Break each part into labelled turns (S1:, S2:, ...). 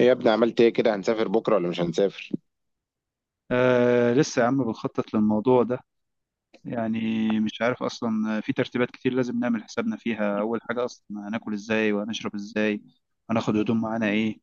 S1: ايه يا ابني، عملت ايه كده؟ هنسافر بكره ولا مش هنسافر؟
S2: لسه يا عم بنخطط للموضوع ده. يعني مش عارف أصلا، في ترتيبات كتير لازم نعمل حسابنا فيها. أول حاجة أصلا، هناكل إزاي وهنشرب إزاي؟ هناخد هدوم معانا إيه؟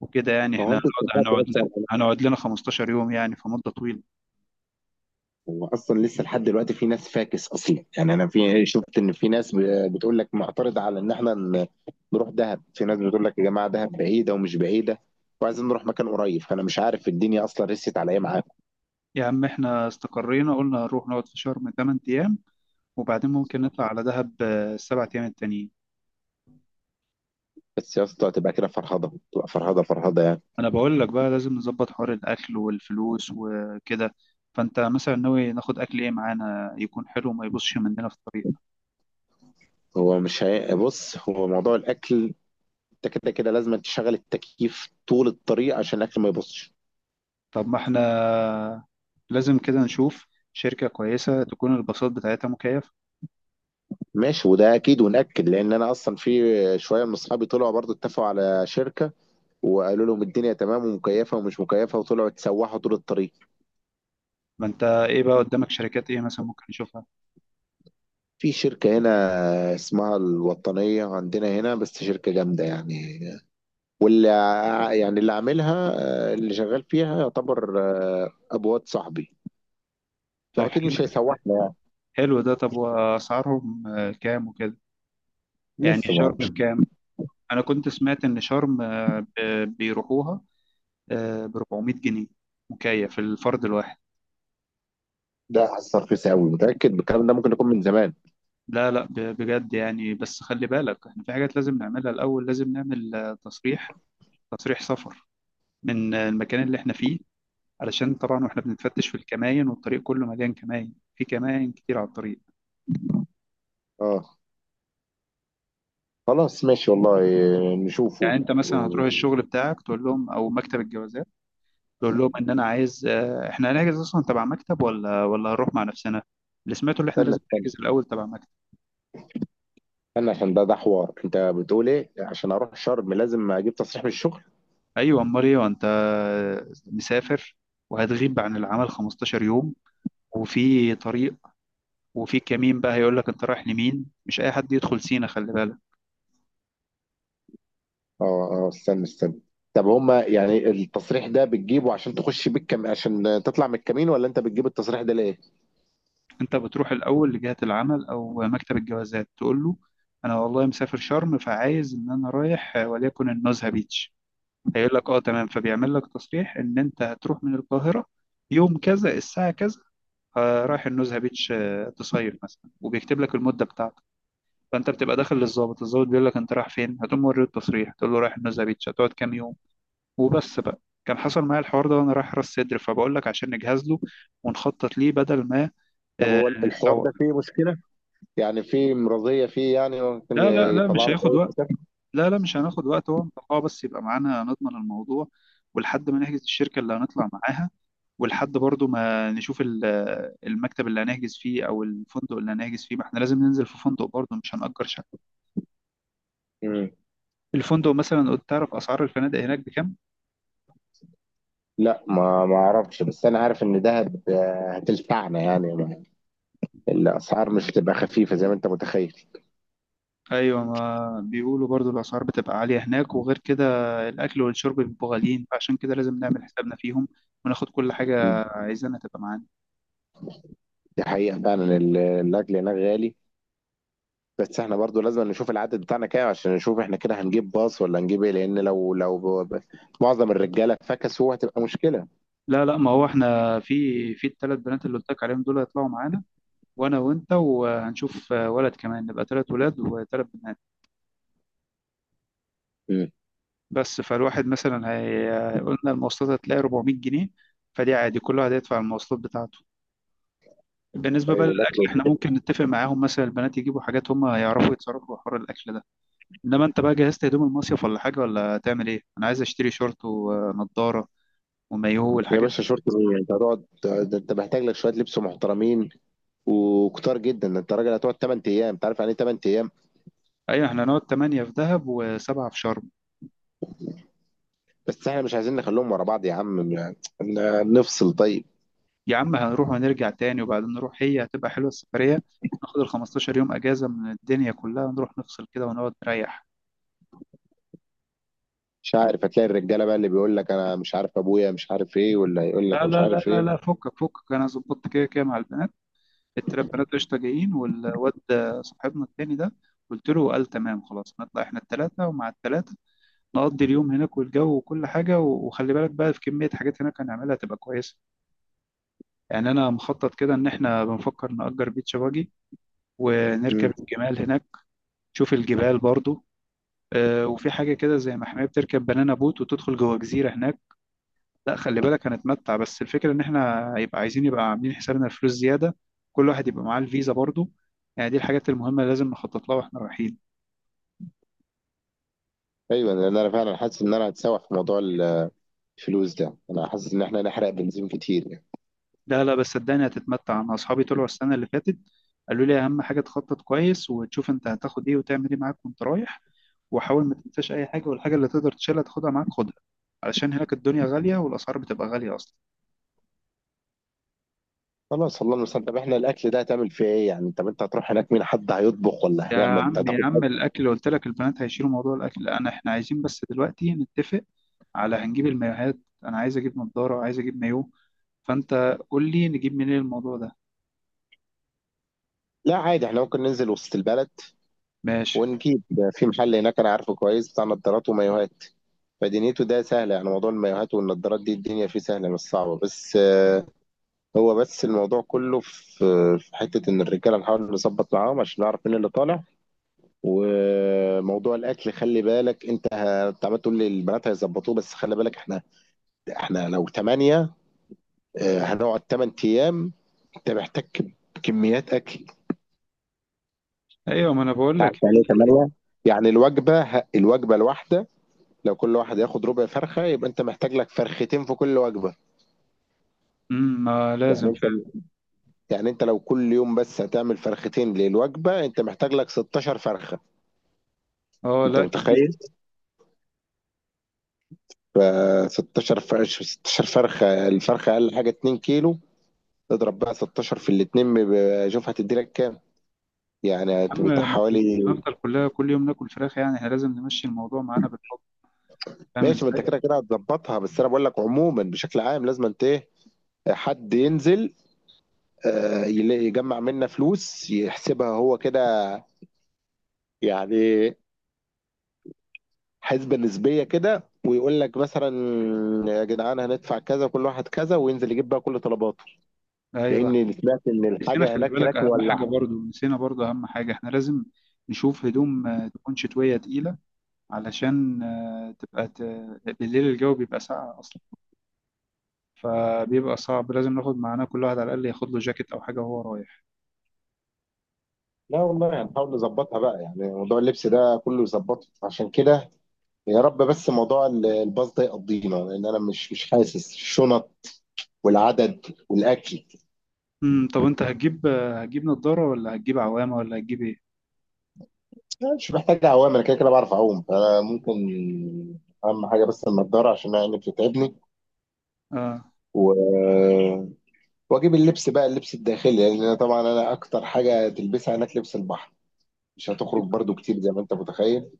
S2: وكده يعني
S1: هو
S2: إحنا
S1: انت
S2: هنقعد
S1: اتفقت
S2: هنقعد لنا
S1: اصلا على-
S2: هنقعد لنا 15 يوم، يعني في مدة طويلة.
S1: هو اصلا لسه لحد دلوقتي في ناس فاكس اصلا، يعني انا شفت ان في ناس بتقول لك معترض على ان احنا نروح دهب. في ناس بتقول لك يا جماعه دهب بعيده ومش بعيده، وعايزين نروح مكان قريب. فانا مش عارف الدنيا اصلا رست على ايه معاكم.
S2: يا عم إحنا استقرينا، قلنا هنروح نقعد في شرم 8 أيام، وبعدين ممكن نطلع على دهب السبع أيام التانيين.
S1: بس يا اسطى تبقى كده فرهضه، تبقى فرهضه فرهضه يعني.
S2: أنا بقول لك بقى لازم نظبط حوار الأكل والفلوس وكده. فأنت مثلا ناوي ناخد أكل إيه معانا، يكون حلو وما يبصش مننا في الطريق؟
S1: هو مش بص، هو موضوع الاكل، انت كده كده لازم تشغل التكييف طول الطريق عشان الاكل ما يبصش.
S2: طب ما احنا لازم كده نشوف شركة كويسة تكون الباصات بتاعتها مكيفة.
S1: ماشي، وده اكيد ونأكد، لان انا اصلا في شويه من اصحابي طلعوا برضو اتفقوا على شركه، وقالوا لهم الدنيا تمام ومكيفه، ومش مكيفه وطلعوا اتسوحوا طول الطريق.
S2: ما انت ايه بقى قدامك شركات ايه مثلا ممكن نشوفها؟
S1: في شركه هنا اسمها الوطنيه عندنا هنا، بس شركه جامده يعني. واللي اللي عاملها، اللي شغال فيها يعتبر ابو واد صاحبي،
S2: طب
S1: فاكيد
S2: حلو.
S1: مش هيسوحنا يعني.
S2: حلو ده. طب واسعارهم كام وكده؟ يعني
S1: لسه ما
S2: شرم
S1: اعرفش.
S2: بكام؟ انا كنت سمعت ان شرم بيروحوها ب 400 جنيه، مكيف، الفرد الواحد.
S1: ده حاسس رخيص قوي، متاكد بالكلام ده؟ ممكن يكون من زمان.
S2: لا لا، بجد يعني. بس خلي بالك احنا في حاجات لازم نعملها الاول. لازم نعمل تصريح، تصريح سفر من المكان اللي احنا فيه، علشان طبعا واحنا بنتفتش في الكماين، والطريق كله مليان كماين، في كماين كتير على الطريق.
S1: اه، خلاص ماشي والله،
S2: يعني
S1: نشوفه.
S2: انت مثلا هتروح الشغل بتاعك تقول لهم او مكتب الجوازات، تقول لهم ان انا عايز احنا هنحجز اصلا تبع مكتب ولا هنروح مع نفسنا. اللي سمعته اللي احنا
S1: استنى،
S2: لازم نحجز الاول تبع مكتب.
S1: انا عشان ده حوار، انت بتقول ايه؟ عشان اروح شرم لازم اجيب تصريح من الشغل؟
S2: ايوه، امال ايه؟ وانت مسافر وهتغيب عن العمل 15 يوم، وفي طريق، وفي كمين بقى هيقول لك انت رايح لمين، مش اي حد يدخل سينا خلي بالك.
S1: اه اه، استنى. طب هما يعني التصريح ده بتجيبه عشان تخش بيه عشان تطلع من الكمين، ولا انت بتجيب التصريح ده ليه؟
S2: انت بتروح الاول لجهه العمل او مكتب الجوازات، تقول له انا والله مسافر شرم، فعايز ان انا رايح وليكن النزهه بيتش. هيقول لك اه تمام، فبيعمل لك تصريح ان انت هتروح من القاهره يوم كذا الساعه كذا، رايح النزهه بيتش تصيف مثلا، وبيكتب لك المده بتاعتك. فانت بتبقى داخل للظابط، الظابط بيقول لك انت رايح فين، هتقوم موري التصريح تقول له رايح النزهه بيتش، هتقعد كام يوم، وبس بقى. كان حصل معايا الحوار ده وانا رايح راس سدر، فبقول لك عشان نجهز له ونخطط ليه بدل ما
S1: طب هو الحوار ده
S2: نتسوق.
S1: فيه مشكلة؟ يعني فيه مرضية فيه، يعني ممكن
S2: لا لا لا،
S1: يطلع
S2: مش
S1: لك
S2: هياخد
S1: اي
S2: وقت.
S1: كتاب؟
S2: لا لا، مش هناخد وقت، هو انطباع بس يبقى معانا نضمن الموضوع، ولحد ما نحجز الشركة اللي هنطلع معاها، ولحد برضو ما نشوف المكتب اللي هنحجز فيه او الفندق اللي هنحجز فيه. ما احنا لازم ننزل في فندق برضو، مش هنأجر شقة.
S1: مم.
S2: الفندق مثلا، قلت تعرف اسعار الفنادق هناك بكام؟
S1: لا، ما اعرفش، بس انا عارف ان دهب هتلفعنا يعني الاسعار مش هتبقى خفيفة زي ما انت متخيل.
S2: ايوه، ما بيقولوا برضو الاسعار بتبقى عالية هناك، وغير كده الاكل والشرب بيبقوا غاليين، فعشان كده لازم نعمل حسابنا فيهم وناخد كل
S1: مم.
S2: حاجة عايزينها تبقى معانا.
S1: دي حقيقة فعلا، الاكل هناك غالي. بس احنا برضو لازم نشوف العدد بتاعنا كام، عشان نشوف احنا كده هنجيب باص ولا هنجيب ايه، لان لو ب- ب- معظم الرجاله فكسوا هتبقى مشكله.
S2: لا لا، ما هو احنا في الثلاث بنات اللي قلت لك عليهم دول هيطلعوا معانا، وانا وانت، وهنشوف ولد كمان نبقى ثلاث ولاد وثلاث بنات.
S1: مم.
S2: بس فالواحد مثلا هي، قلنا المواصلات هتلاقي 400 جنيه، فدي عادي كل واحد هيدفع المواصلات بتاعته. بالنسبة
S1: طيب
S2: بقى للأكل،
S1: والاكل؟
S2: احنا ممكن نتفق معاهم مثلا البنات يجيبوا حاجات، هم يعرفوا يتصرفوا في حوار الأكل ده. إنما أنت بقى جهزت هدوم المصيف ولا حاجة، ولا هتعمل إيه؟ أنا عايز أشتري شورت ونضارة ومايوه
S1: يا
S2: والحاجات
S1: باشا،
S2: دي.
S1: شورت ايه؟ انت هتقعد، ده انت محتاج لك شويه لبس محترمين وكتار جدا. ده انت راجل هتقعد 8 ايام، انت عارف يعني ايه 8 ايام؟
S2: أيوة احنا هنقعد 8 في دهب وسبعة في شرم.
S1: بس احنا مش عايزين نخليهم ورا بعض يا عم يعني، نفصل. طيب،
S2: يا عم هنروح ونرجع تاني وبعدين نروح، هي هتبقى حلوة السفرية. ناخد ال 15 يوم أجازة من الدنيا كلها، نروح نفصل كده ونقعد نريح.
S1: مش عارف، هتلاقي الرجاله بقى اللي بيقول لك انا مش عارف ابويا مش عارف ايه، ولا يقول لك
S2: لا
S1: مش
S2: لا لا
S1: عارف
S2: لا
S1: ايه.
S2: لا، فكك فكك. أنا ظبطت كده كده مع البنات. التلات بنات قشطة جايين، والواد صاحبنا التاني ده قلت له قال تمام. خلاص نطلع احنا التلاتة، ومع التلاتة نقضي اليوم هناك، والجو وكل حاجة. وخلي بالك بقى في كمية حاجات هناك هنعملها تبقى كويسة. يعني أنا مخطط كده إن احنا بنفكر نأجر بيتش باجي،
S1: مم.
S2: ونركب الجمال هناك، نشوف الجبال برضو. وفي حاجة كده زي محمية، بتركب بنانا بوت وتدخل جوه جزيرة هناك. لا خلي بالك هنتمتع، بس الفكرة إن إحنا يبقى عايزين، يبقى عاملين حسابنا الفلوس زيادة، كل واحد يبقى معاه الفيزا برضو. يعني دي الحاجات المهمة اللي لازم نخطط لها وإحنا رايحين.
S1: ايوه، لان انا فعلا حاسس ان انا هتسوح في موضوع الفلوس ده. انا حاسس ان احنا نحرق بنزين كتير يعني.
S2: لا لا، بس صدقني هتتمتع. أنا أصحابي طلعوا السنة اللي فاتت، قالوا لي أهم حاجة تخطط كويس، وتشوف أنت هتاخد إيه وتعمل إيه معاك وأنت رايح. وحاول ما تنساش أي حاجة، والحاجة اللي تقدر تشيلها تاخدها معاك خدها، علشان هناك الدنيا غالية والأسعار بتبقى غالية أصلا.
S1: خلاص، الله المستعان. طب احنا الاكل ده هتعمل فيه ايه يعني؟ طب انت هتروح هناك مين حد هيطبخ، ولا
S2: يا
S1: هنعمل انت
S2: عم يا
S1: هتاخد
S2: عم،
S1: حاجة؟
S2: الاكل قلت لك البنات هيشيلوا موضوع الاكل. انا احنا عايزين بس دلوقتي نتفق على هنجيب المايوهات. انا عايز اجيب نضاره، عايز اجيب مايو. فانت قول لي نجيب منين الموضوع ده.
S1: لا عادي، احنا ممكن ننزل وسط البلد
S2: ماشي.
S1: ونجيب ده في محل هناك انا عارفه كويس، بتاع نظارات ومايوهات. فدنيته ده سهله يعني، موضوع المايوهات والنظارات دي الدنيا فيه سهله مش صعبه. بس هو بس الموضوع كله في حته ان الرجاله نحاول نظبط معاهم عشان نعرف مين اللي طالع. وموضوع الاكل خلي بالك، انت انت عمال تقول لي البنات هيظبطوه، بس خلي بالك احنا، لو 8 هنقعد 8 ايام، انت محتاج كميات اكل،
S2: ايوه، ما انا بقول
S1: تعرف
S2: لك.
S1: يعني ايه 8؟ يعني الوجبة الوجبة الواحدة لو كل واحد ياخد ربع فرخة يبقى انت محتاج لك فرختين في كل وجبة.
S2: ما
S1: يعني
S2: لازم
S1: انت،
S2: فعلا.
S1: يعني انت لو كل يوم بس هتعمل فرختين للوجبة، انت محتاج لك 16 فرخة.
S2: اه
S1: انت
S2: لا، كتير يا
S1: متخيل؟ ف 16 فرخة، 16 فرخة، الفرخة اقل حاجة 2 كيلو. اضرب بقى 16 في الاتنين بيبقى- شوف هتدي لك كام. يعني
S2: عم.
S1: هتبقى
S2: ما هو
S1: حوالي.
S2: مش هنفضل كلها كل يوم ناكل فراخ يعني، احنا لازم نمشي الموضوع معانا بالحب، فاهم
S1: ماشي، ما انت
S2: ازاي؟
S1: كده كده هتظبطها. بس انا بقول لك عموما بشكل عام، لازم انت ايه، حد ينزل يجمع منا فلوس يحسبها هو كده، يعني حسبة نسبية كده، ويقول لك مثلا يا جدعان هندفع كذا، كل واحد كذا، وينزل يجيب بقى كل طلباته.
S2: ايوه.
S1: لان سمعت ان
S2: نسينا،
S1: الحاجة
S2: خلي
S1: هناك
S2: بالك
S1: هناك
S2: اهم حاجه
S1: مولعة.
S2: برضو. نسينا برضو اهم حاجه، احنا لازم نشوف هدوم تكون شتويه تقيله، علشان تبقى بالليل الجو بيبقى ساقع أصلا، فبيبقى صعب. لازم ناخد معانا كل واحد على الأقل ياخد له جاكيت أو حاجة وهو رايح.
S1: لا والله، هنحاول نظبطها بقى، يعني موضوع اللبس ده كله يظبطه عشان كده. يا رب بس موضوع الباص ده يقضينا، لان انا مش حاسس الشنط والعدد والاكل.
S2: طب أنت هتجيب هتجيب نضارة، ولا هتجيب عوامة، ولا هتجيب إيه؟
S1: لا، مش محتاج عوام، انا كده كده بعرف اعوم، فانا ممكن اهم حاجه بس النضاره عشان انا عيني بتتعبني.
S2: آه.
S1: و... واجيب اللبس بقى، اللبس الداخلي، لان انا طبعا، اكتر حاجه تلبسها هناك لبس البحر، مش هتخرج برضو كتير زي ما انت متخيل.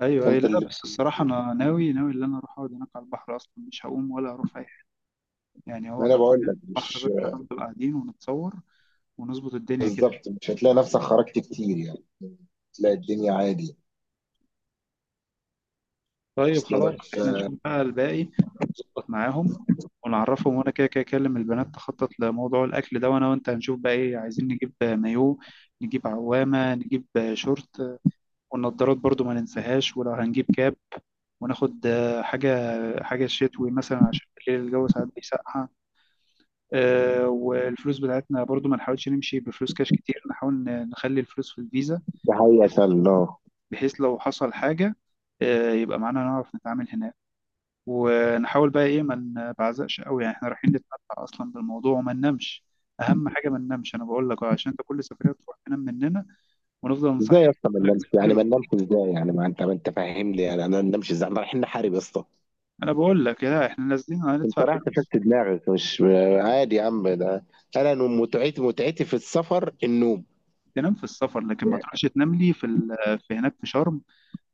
S2: أيوه أيوه،
S1: فانت
S2: لا
S1: اللي،
S2: بس الصراحة أنا ناوي ناوي إن أنا أروح أقعد هناك على البحر أصلا، مش هقوم ولا هروح أي حاجة. يعني هو
S1: ما انا بقول
S2: حرفيا
S1: لك،
S2: البحر
S1: مش
S2: بس، هنفضل قاعدين ونتصور ونظبط الدنيا كده.
S1: بالظبط، مش هتلاقي نفسك خرجت كتير يعني، تلاقي الدنيا عادي.
S2: طيب
S1: اصلا لك
S2: خلاص، احنا نشوف بقى الباقي، نظبط معاهم ونعرفهم. وانا كده كده اكلم البنات تخطط لموضوع الاكل ده. وانا وانت هنشوف بقى ايه، عايزين نجيب مايو، نجيب عوامة، نجيب شورت، والنضارات برضو ما ننساهاش. ولو هنجيب كاب، وناخد حاجة، حاجة شتوي مثلا عشان بالليل الجو ساعات بيسقع. والفلوس بتاعتنا برضو ما نحاولش نمشي بفلوس كاش كتير، نحاول نخلي الفلوس في الفيزا،
S1: دي حقيقة
S2: بحيث
S1: فعلا. اه،
S2: بحيث لو حصل حاجة يبقى معانا نعرف نتعامل هناك. ونحاول بقى ايه ما نبعزقش قوي، يعني احنا رايحين نتمتع اصلا بالموضوع، وما ننامش. اهم حاجه ما ننامش، انا بقول لك اه عشان انت كل سفريه تروح تنام مننا ونفضل
S1: ازاي
S2: نصحي.
S1: يا اسطى ما
S2: يقول لك
S1: ننامش؟ يعني
S2: ننزل،
S1: ما ننامش ازاي يعني؟ ما انت، فاهم لي يعني انا، ما ننامش ازاي؟ احنا رايحين نحارب يا اسطى؟
S2: انا بقول لك لا احنا نازلين
S1: انت
S2: هندفع
S1: رايح
S2: فلوس.
S1: تفك دماغك مش عادي، يا عم ده انا متعتي، متعتي في السفر النوم.
S2: تنام في السفر، لكن ما تروحش تنام لي في في هناك، في شرم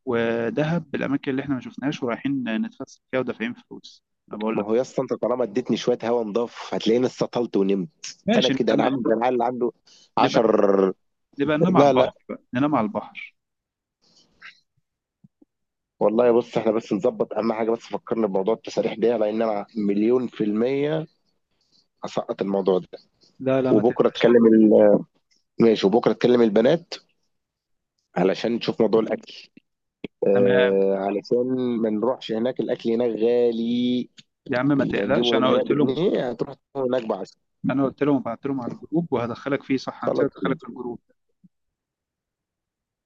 S2: ودهب، الاماكن اللي احنا ما شفناهاش ورايحين نتفسح فيها ودافعين فلوس. انا بقول
S1: ما
S2: لك
S1: هو يا اسطى انت طالما اديتني شويه هوا نضاف، هتلاقيني استطلت ونمت. انا
S2: ماشي، نبقى
S1: كده، عامل
S2: ننام.
S1: زي العيال اللي عنده
S2: نبقى
S1: 10.
S2: نبقى ننام على
S1: لا لا
S2: البحر. بقى ننام على البحر.
S1: والله، بص احنا بس نظبط اهم حاجه، بس فكرنا بموضوع التساريح ده لان انا مليون في الميه هسقط الموضوع ده.
S2: لا لا، ما
S1: وبكره
S2: تقلقش.
S1: اتكلم ماشي، وبكره اتكلم البنات علشان نشوف موضوع الاكل،
S2: تمام.
S1: آه، علشان ما نروحش هناك الاكل هناك غالي.
S2: يا عم ما
S1: اللي هنجيبه
S2: تقلقش،
S1: من
S2: انا
S1: هنا
S2: قلت لهم.
S1: بجنيه هتروح تجيبه هناك ب10.
S2: انا قلت لهم، بعت لهم على الجروب وهدخلك فيه. صح، هنسيت ادخلك
S1: خلاص.
S2: الجروب.